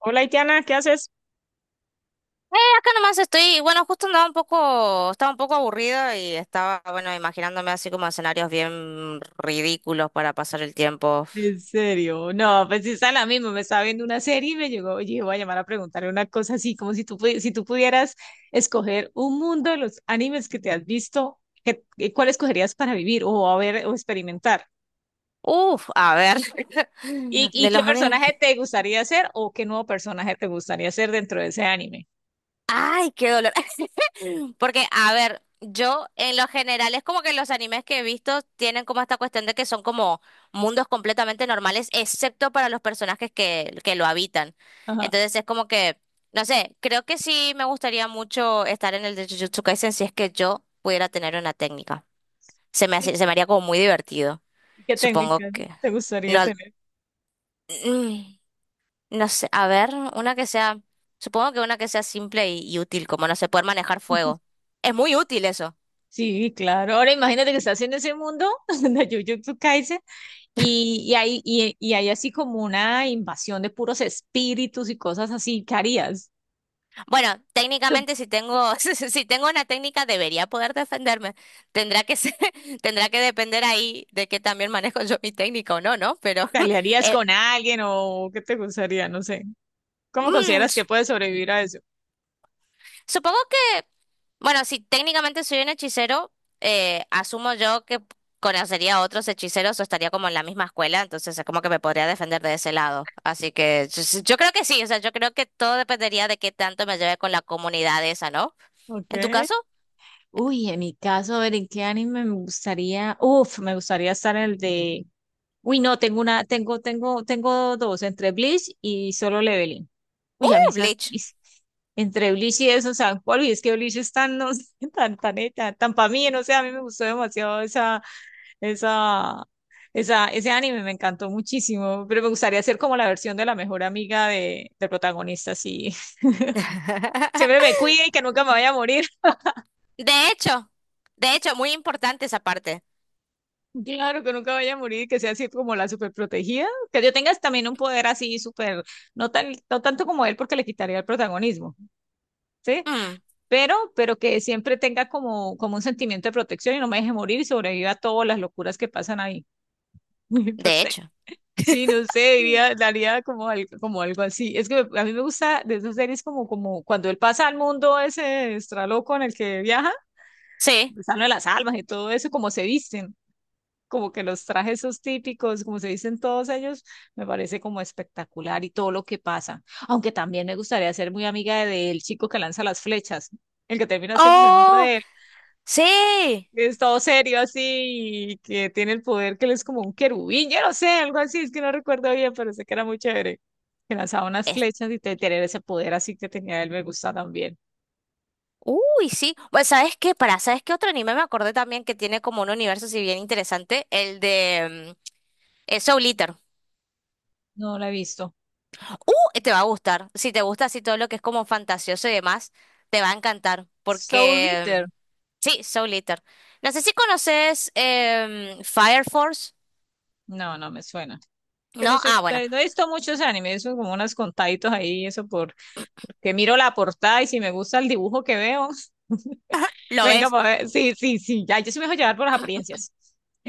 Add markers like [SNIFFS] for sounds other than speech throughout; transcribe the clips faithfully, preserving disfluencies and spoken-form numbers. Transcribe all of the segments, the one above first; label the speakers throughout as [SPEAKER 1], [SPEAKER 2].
[SPEAKER 1] Hola, Itiana, ¿qué haces?
[SPEAKER 2] Eh, acá nomás estoy, bueno, justo andaba un poco, estaba un poco aburrida y estaba, bueno, imaginándome así como escenarios bien ridículos para pasar el tiempo.
[SPEAKER 1] En serio, no, pues sí está la misma, me estaba viendo una serie y me llegó, oye, voy a llamar a preguntarle una cosa así, como si tú, pudi- si tú pudieras escoger un mundo de los animes que te has visto, ¿qué- qué- ¿cuál escogerías para vivir o a ver o experimentar?
[SPEAKER 2] Uf, a ver, [LAUGHS]
[SPEAKER 1] ¿Y, y
[SPEAKER 2] de
[SPEAKER 1] qué
[SPEAKER 2] los animes.
[SPEAKER 1] personaje te gustaría ser o qué nuevo personaje te gustaría ser dentro de ese anime?
[SPEAKER 2] Ay, qué dolor. Porque, a ver, yo en lo general es como que los animes que he visto tienen como esta cuestión de que son como mundos completamente normales, excepto para los personajes que, que lo habitan.
[SPEAKER 1] Ajá,
[SPEAKER 2] Entonces es como que, no sé, creo que sí me gustaría mucho estar en el de Jujutsu Kaisen si es que yo pudiera tener una técnica. Se me
[SPEAKER 1] sí,
[SPEAKER 2] hace- se me haría como muy divertido.
[SPEAKER 1] ¿y qué
[SPEAKER 2] Supongo
[SPEAKER 1] técnica
[SPEAKER 2] que...
[SPEAKER 1] te gustaría
[SPEAKER 2] No,
[SPEAKER 1] tener?
[SPEAKER 2] mm, no sé, a ver, una que sea... Supongo que una que sea simple y y útil, como no sé, poder manejar fuego. Es muy útil eso.
[SPEAKER 1] Sí, claro, ahora imagínate que estás en ese mundo [LAUGHS] de Jujutsu Kaisen. Y, y, hay, y, y hay así como una invasión de puros espíritus y cosas así. ¿Qué harías?
[SPEAKER 2] Bueno,
[SPEAKER 1] ¿Te
[SPEAKER 2] técnicamente si tengo, [LAUGHS] si tengo una técnica debería poder defenderme. Tendrá que ser- [LAUGHS] Tendrá que depender ahí de que también manejo yo mi técnica o no, ¿no? Pero [LAUGHS]
[SPEAKER 1] pelearías
[SPEAKER 2] eh,
[SPEAKER 1] con alguien o qué te gustaría? No sé. ¿Cómo
[SPEAKER 2] mm,
[SPEAKER 1] consideras que
[SPEAKER 2] s-
[SPEAKER 1] puedes sobrevivir a eso?
[SPEAKER 2] supongo que, bueno, si técnicamente soy un hechicero, eh, asumo yo que conocería a otros hechiceros o estaría como en la misma escuela, entonces es como que me podría defender de ese lado. Así que yo, yo creo que sí, o sea, yo creo que todo dependería de qué tanto me lleve con la comunidad esa, ¿no? En tu
[SPEAKER 1] Okay.
[SPEAKER 2] caso,
[SPEAKER 1] Uy, en mi caso, a ver, ¿en qué anime me gustaría? Uf, me gustaría estar en el de... Uy, no, tengo una, tengo, tengo, tengo dos, entre Bleach y Solo Leveling. Uy, a mí,
[SPEAKER 2] ¡uh,
[SPEAKER 1] esa-
[SPEAKER 2] Bleach!
[SPEAKER 1] es- entre Bleach y eso, o sea, cuál, y es que Bleach es tan, no sé, [LAUGHS] tan, tan, tan, tan para mí, no sé, a mí me gustó demasiado esa. Esa, esa, ese anime me encantó muchísimo, pero me gustaría ser como la versión de la mejor amiga de, del protagonista, sí. [LAUGHS] Siempre
[SPEAKER 2] [LAUGHS]
[SPEAKER 1] me cuide y que nunca me vaya a morir. [LAUGHS]
[SPEAKER 2] De hecho, de hecho, muy importante esa parte.
[SPEAKER 1] Claro, que nunca vaya a morir y que sea así como la super protegida. Que yo tenga también un poder así súper, no tan, no tanto como él porque le quitaría el protagonismo, ¿sí?
[SPEAKER 2] Mm,
[SPEAKER 1] Pero, pero que siempre tenga como, como un sentimiento de protección y no me deje morir y sobreviva a todas las locuras que pasan ahí. [LAUGHS]
[SPEAKER 2] de
[SPEAKER 1] Entonces,
[SPEAKER 2] hecho.
[SPEAKER 1] sí, no sé,
[SPEAKER 2] Mm.
[SPEAKER 1] diría, daría como algo, como algo así. Es que a mí me gusta de esas series como, como cuando él pasa al mundo ese extraloco en el que viaja,
[SPEAKER 2] Sí.
[SPEAKER 1] están de las almas y todo eso, como se visten, como que los trajes esos típicos, como se visten todos ellos, me parece como espectacular y todo lo que pasa. Aunque también me gustaría ser muy amiga del chico que lanza las flechas, el que termina siendo amigo
[SPEAKER 2] Oh,
[SPEAKER 1] de él
[SPEAKER 2] sí.
[SPEAKER 1] que es todo serio así y que tiene el poder que él es como un querubín, yo no sé, algo así, es que no recuerdo bien, pero sé que era muy chévere. Que lanzaba unas
[SPEAKER 2] Es-
[SPEAKER 1] flechas y te- tener ese poder así que tenía él me gusta también.
[SPEAKER 2] Uy, sí. Pues, ¿sabes qué? Para, ¿sabes qué otro anime me acordé también que tiene como un universo si bien interesante? El de mm, eh, Soul Eater.
[SPEAKER 1] No la he visto.
[SPEAKER 2] Uh, te va a gustar. Si te gusta así todo lo que es como fantasioso y demás, te va a encantar.
[SPEAKER 1] Soul
[SPEAKER 2] Porque,
[SPEAKER 1] Eater.
[SPEAKER 2] mm, sí, Soul Eater. No sé si conoces em, Fire Force.
[SPEAKER 1] No, no me suena. Que no
[SPEAKER 2] ¿No?
[SPEAKER 1] soy,
[SPEAKER 2] Ah,
[SPEAKER 1] no,
[SPEAKER 2] bueno.
[SPEAKER 1] no he visto muchos animes, son como unos contaditos ahí, eso por, porque miro la portada y si me gusta el dibujo que veo, [LAUGHS]
[SPEAKER 2] Lo
[SPEAKER 1] venga
[SPEAKER 2] ves.
[SPEAKER 1] para ver. Sí, sí, sí, ya, yo sí me dejo llevar por las apariencias.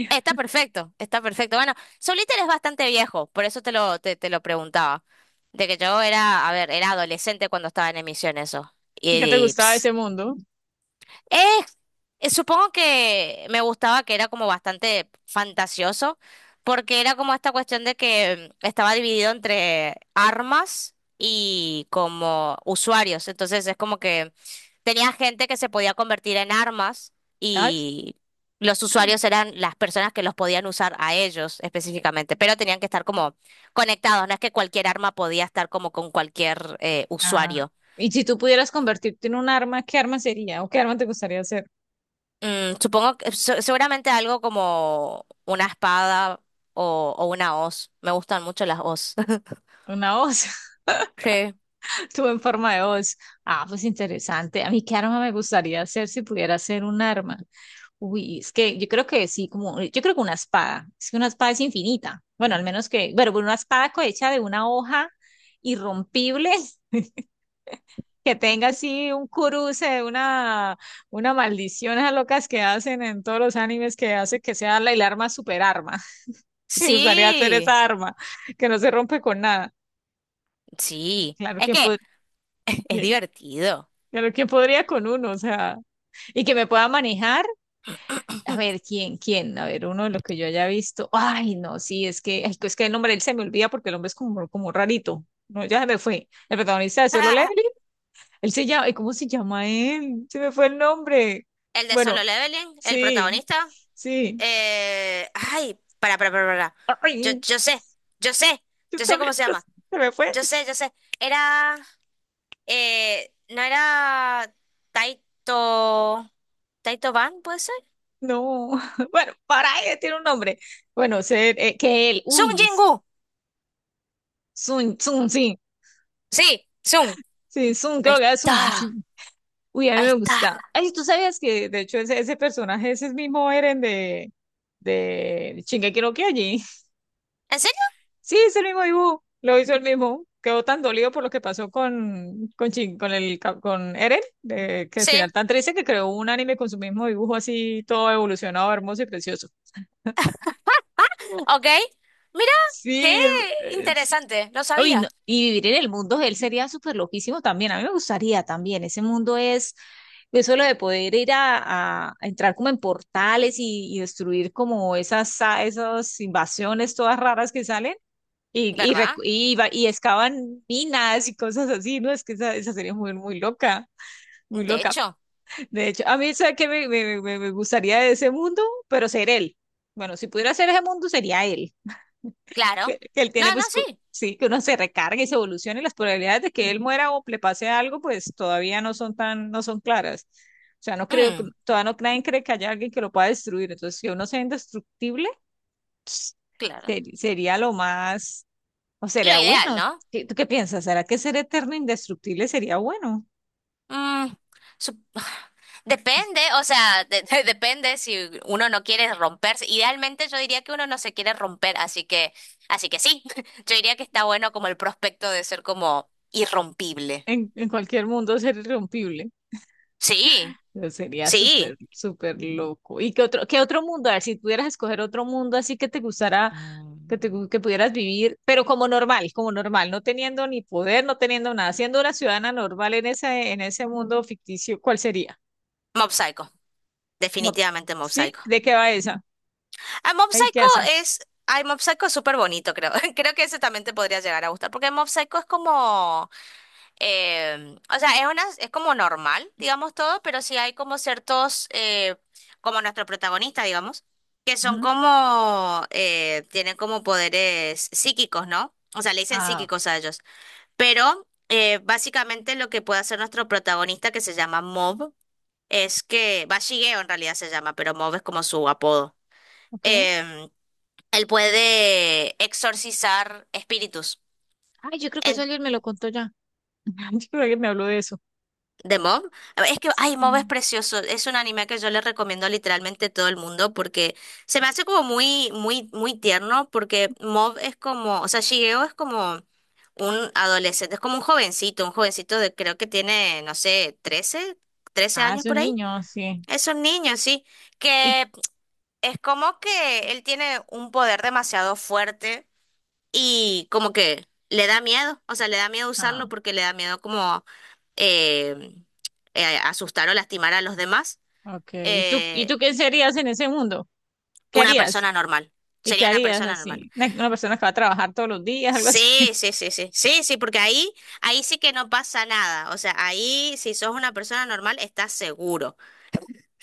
[SPEAKER 2] Está perfecto, está perfecto. Bueno, Soliter es bastante viejo, por eso te lo, te, te lo preguntaba. De que yo era, a ver, era adolescente cuando estaba en emisión eso. Y,
[SPEAKER 1] ¿Y qué te
[SPEAKER 2] y,
[SPEAKER 1] gustaba de
[SPEAKER 2] ps,
[SPEAKER 1] ese mundo?
[SPEAKER 2] eh, eh, Supongo que me gustaba que era como bastante fantasioso, porque era como esta cuestión de que mm, estaba dividido entre armas y como usuarios. Entonces es como que tenía gente que se podía convertir en armas y los usuarios eran las personas que los podían usar a ellos específicamente, pero tenían que estar como conectados. No es que cualquier arma podía estar como con cualquier eh,
[SPEAKER 1] Ah,
[SPEAKER 2] usuario.
[SPEAKER 1] y si tú pudieras convertirte en un arma, ¿qué arma sería? ¿O qué arma te gustaría ser?
[SPEAKER 2] Mm, supongo que se- seguramente algo como una espada o, o una hoz. Me gustan mucho las hoz. [LAUGHS]
[SPEAKER 1] Una voz,
[SPEAKER 2] Sí,
[SPEAKER 1] [LAUGHS] tú en forma de voz. Ah, pues interesante. A mí, ¿qué arma me gustaría ser si pudiera ser un arma? Uy, es que yo creo que sí, como, yo creo que una espada. Es que una espada es infinita. Bueno, al menos que, bueno, una espada co- hecha de una hoja irrompible [LAUGHS] que tenga así un cruce, una, una maldición a locas que hacen en todos los animes que hace que sea la, el arma super arma. [LAUGHS] Me gustaría hacer
[SPEAKER 2] sí,
[SPEAKER 1] esa arma que no se rompe con nada.
[SPEAKER 2] sí.
[SPEAKER 1] Claro,
[SPEAKER 2] Es
[SPEAKER 1] ¿quién
[SPEAKER 2] que
[SPEAKER 1] pod-
[SPEAKER 2] es
[SPEAKER 1] eh,
[SPEAKER 2] divertido.
[SPEAKER 1] claro, ¿quién podría con uno? O sea, y que me pueda manejar. A ver, ¿quién? ¿Quién? A ver, uno de los que yo haya visto. Ay, no, sí, es que, ay, es que el nombre de él se me olvida porque el hombre es como, como rarito. No, ya se me fue. El protagonista de Solo Leveling.
[SPEAKER 2] [LAUGHS]
[SPEAKER 1] Él se llama, ay, ¿cómo se llama él? Se me fue el nombre.
[SPEAKER 2] El de Solo
[SPEAKER 1] Bueno,
[SPEAKER 2] Leveling, el
[SPEAKER 1] sí,
[SPEAKER 2] protagonista.
[SPEAKER 1] sí.
[SPEAKER 2] eh, Ay, para, para, para, para. Yo,
[SPEAKER 1] Ay,
[SPEAKER 2] yo sé, yo sé,
[SPEAKER 1] yo
[SPEAKER 2] yo sé
[SPEAKER 1] también,
[SPEAKER 2] cómo se
[SPEAKER 1] [LAUGHS] pero
[SPEAKER 2] llama.
[SPEAKER 1] se me fue.
[SPEAKER 2] Yo sé, yo sé. Era, eh, no era Taito, Taito Ban, ¿puede ser?
[SPEAKER 1] No, [LAUGHS] bueno, para ella tiene un nombre. Bueno, ser, eh, que él,
[SPEAKER 2] Sung
[SPEAKER 1] uy, es
[SPEAKER 2] Jingu.
[SPEAKER 1] Sun, Sun, sí,
[SPEAKER 2] Sí,
[SPEAKER 1] sí, Sun,
[SPEAKER 2] ahí
[SPEAKER 1] creo que es Sun, sí.
[SPEAKER 2] está,
[SPEAKER 1] Uy, a mí
[SPEAKER 2] ahí
[SPEAKER 1] me
[SPEAKER 2] está.
[SPEAKER 1] gusta. Ay, ¿tú sabías que, de hecho, ese, ese personaje ese es el mismo Eren de, de Shingeki no Kyojin? [LAUGHS]
[SPEAKER 2] ¿En serio?
[SPEAKER 1] Sí, es el mismo dibujo, lo hizo el mismo. Quedó tan dolido por lo que pasó con, con, Shin- con, el, ca- con Eren, de, que al final
[SPEAKER 2] Sí,
[SPEAKER 1] tan triste que creó un anime con su mismo dibujo así, todo evolucionado, hermoso y precioso.
[SPEAKER 2] ok. Mira, qué
[SPEAKER 1] Sí, el- eh,
[SPEAKER 2] interesante, lo
[SPEAKER 1] uy, no,
[SPEAKER 2] sabía.
[SPEAKER 1] y vivir en el mundo de él sería súper loquísimo también. A mí me gustaría también. Ese mundo es, eso lo de poder ir a, a- entrar como en portales y, y destruir como esas, a- esas invasiones todas raras que salen y, y,
[SPEAKER 2] ¿Verdad?
[SPEAKER 1] recu- y, va- y excavan minas y cosas así, ¿no? Es que esa, esa sería muy, muy loca, muy
[SPEAKER 2] De
[SPEAKER 1] loca.
[SPEAKER 2] hecho,
[SPEAKER 1] De hecho, a mí, ¿sabes qué me, me, me, me gustaría de ese mundo? Pero ser él. Bueno, si pudiera ser ese mundo, sería él que,
[SPEAKER 2] claro.
[SPEAKER 1] que él tiene,
[SPEAKER 2] No, no,
[SPEAKER 1] pues co-
[SPEAKER 2] sí.
[SPEAKER 1] sí, que uno se recargue y se evolucione, y las probabilidades de que él muera o le pase algo, pues todavía no son tan, no son claras. O sea, no creo, que-
[SPEAKER 2] Mm,
[SPEAKER 1] todavía no, nadie cree que haya alguien que lo pueda destruir. Entonces, que uno sea indestructible
[SPEAKER 2] claro.
[SPEAKER 1] ser- sería lo más, o
[SPEAKER 2] Lo
[SPEAKER 1] sería
[SPEAKER 2] ideal,
[SPEAKER 1] bueno.
[SPEAKER 2] ¿no?
[SPEAKER 1] ¿Qué- ¿Tú qué piensas? ¿Será que ser eterno indestructible sería bueno?
[SPEAKER 2] Mm, sup- [SIGHS] Depende, o sea, de- de- depende si uno no quiere romperse. Idealmente yo diría que uno no se quiere romper, así que, así que sí. [LAUGHS] Yo diría que está bueno como el prospecto de ser como irrompible.
[SPEAKER 1] En, en cualquier mundo ser irrompible.
[SPEAKER 2] Sí,
[SPEAKER 1] Pero sería súper,
[SPEAKER 2] sí.
[SPEAKER 1] súper loco. ¿Y qué otro, qué otro mundo? A ver, si pudieras escoger otro mundo así que te gustara que, te-
[SPEAKER 2] Mm.
[SPEAKER 1] que pudieras vivir, pero como normal, como normal, no teniendo ni poder, no teniendo nada, siendo una ciudadana normal en ese, en ese mundo ficticio, ¿cuál sería?
[SPEAKER 2] Mob Psycho.
[SPEAKER 1] No-
[SPEAKER 2] Definitivamente Mob
[SPEAKER 1] ¿Sí?
[SPEAKER 2] Psycho.
[SPEAKER 1] ¿De qué va esa?
[SPEAKER 2] Ah, Mob
[SPEAKER 1] ¿Ahí qué
[SPEAKER 2] Psycho
[SPEAKER 1] hacen?
[SPEAKER 2] es. Ay, Mob Psycho es súper bonito, creo. [LAUGHS] Creo que ese también te podría llegar a gustar. Porque Mob Psycho es como. em, o sea, es una, es como normal, digamos todo, pero sí hay como ciertos. eh, como nuestro protagonista, digamos. Que son
[SPEAKER 1] Ujú.
[SPEAKER 2] como. eh, tienen como poderes psíquicos, ¿no? O sea, le dicen
[SPEAKER 1] Ah, ok.
[SPEAKER 2] psíquicos a ellos. Pero eh, básicamente lo que puede hacer nuestro protagonista, que se llama Mob, es que. Va, Shigeo en realidad se llama, pero Mob es como su apodo
[SPEAKER 1] Ok.
[SPEAKER 2] em, él puede exorcizar espíritus.
[SPEAKER 1] Ay, yo creo que eso
[SPEAKER 2] En,
[SPEAKER 1] alguien me lo contó ya. [LAUGHS] Yo creo que me habló de eso.
[SPEAKER 2] ¿de Mob? Es que, ay, Mob es
[SPEAKER 1] Sí.
[SPEAKER 2] precioso. Es un anime que yo le recomiendo literalmente a todo el mundo porque se me hace como muy, muy, muy tierno porque Mob es como, o sea, Shigeo es como un adolescente, es como un jovencito, un jovencito de creo que tiene, no sé, trece, trece
[SPEAKER 1] Ah,
[SPEAKER 2] años
[SPEAKER 1] es un
[SPEAKER 2] por ahí.
[SPEAKER 1] niño, sí.
[SPEAKER 2] Es un niño, sí,
[SPEAKER 1] Y,
[SPEAKER 2] que es como que él tiene un poder demasiado fuerte y como que le da miedo, o sea, le da miedo
[SPEAKER 1] ah,
[SPEAKER 2] usarlo porque le da miedo como eh, eh, asustar o lastimar a los demás.
[SPEAKER 1] ok. ¿Y tú, y
[SPEAKER 2] eh,
[SPEAKER 1] tú qué serías en ese mundo? ¿Qué
[SPEAKER 2] una
[SPEAKER 1] harías?
[SPEAKER 2] persona normal,
[SPEAKER 1] ¿Y qué
[SPEAKER 2] sería una
[SPEAKER 1] harías
[SPEAKER 2] persona normal.
[SPEAKER 1] así? Una, una persona que va a trabajar todos los días, [LAUGHS] algo así.
[SPEAKER 2] Sí, sí, sí, sí, sí, sí, porque ahí, ahí sí que no pasa nada, o sea, ahí si sos una persona normal estás seguro.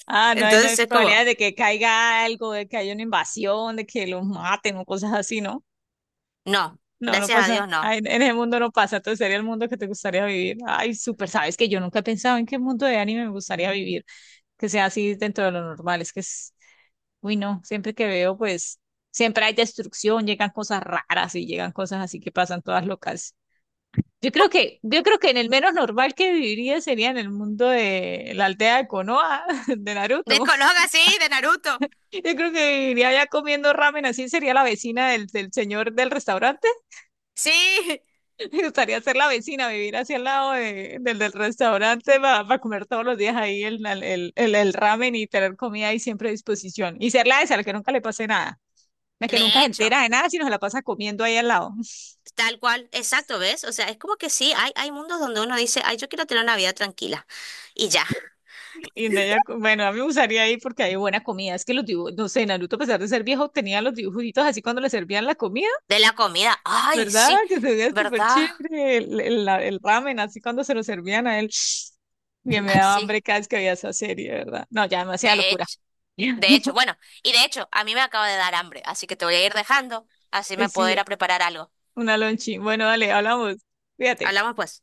[SPEAKER 1] Ah, no hay, no
[SPEAKER 2] Entonces
[SPEAKER 1] hay
[SPEAKER 2] es como,
[SPEAKER 1] probabilidad de que caiga algo, de que haya una invasión, de que los maten o cosas así, ¿no?
[SPEAKER 2] no,
[SPEAKER 1] No, no
[SPEAKER 2] gracias a
[SPEAKER 1] pasa.
[SPEAKER 2] Dios
[SPEAKER 1] Ah,
[SPEAKER 2] no.
[SPEAKER 1] en, en ese mundo no pasa. Entonces sería el mundo que te gustaría vivir. Ay, súper, sabes que yo nunca he pensado en qué mundo de anime me gustaría vivir, que sea así dentro de lo normal. Es que es, uy, no, siempre que veo, pues, siempre hay destrucción, llegan cosas raras y llegan cosas así que pasan todas locas. Yo creo que, yo creo que en el menos normal que viviría sería en el mundo de la aldea de Konoha, [LAUGHS] de
[SPEAKER 2] De
[SPEAKER 1] Naruto.
[SPEAKER 2] Konoha, sí, de Naruto,
[SPEAKER 1] Yo creo que iría ya comiendo ramen, así sería la vecina del, del señor del restaurante.
[SPEAKER 2] sí. [LAUGHS]
[SPEAKER 1] [LAUGHS] Me gustaría ser la vecina, vivir hacia el lado de- del, del restaurante para comer todos los días ahí el, el, el, el ramen y tener comida ahí siempre a disposición. Y ser la esa, a la que nunca le pase nada. La que nunca
[SPEAKER 2] De
[SPEAKER 1] se
[SPEAKER 2] hecho.
[SPEAKER 1] entera de nada, sino se la pasa comiendo ahí al lado. [LAUGHS]
[SPEAKER 2] Tal cual, exacto, ¿ves? O sea, es como que sí, hay, hay mundos donde uno dice, ay, yo quiero tener una vida tranquila. Y ya,
[SPEAKER 1] Y de ella, bueno, a mí me gustaría ahí porque hay buena comida. Es que los dibujos, no sé, Naruto, a pesar de ser viejo, tenía los dibujitos así cuando le servían la comida.
[SPEAKER 2] de la comida, ay,
[SPEAKER 1] ¿Verdad?
[SPEAKER 2] sí,
[SPEAKER 1] Que se veía súper
[SPEAKER 2] ¿verdad?
[SPEAKER 1] chévere el, el- la- el ramen, así cuando se lo servían a él. [SNIFFS] Bien, me
[SPEAKER 2] Ay,
[SPEAKER 1] daba
[SPEAKER 2] sí,
[SPEAKER 1] hambre cada vez que veía esa serie, ¿verdad? No, ya demasiada
[SPEAKER 2] de
[SPEAKER 1] locura.
[SPEAKER 2] hecho, de hecho,
[SPEAKER 1] [LAUGHS]
[SPEAKER 2] bueno, y de hecho, a mí me acaba de dar hambre, así que te voy a ir dejando, así
[SPEAKER 1] Ahí
[SPEAKER 2] me puedo
[SPEAKER 1] sí,
[SPEAKER 2] ir a preparar algo.
[SPEAKER 1] una lonchi. Bueno, dale, hablamos. Fíjate.
[SPEAKER 2] Hablamos pues.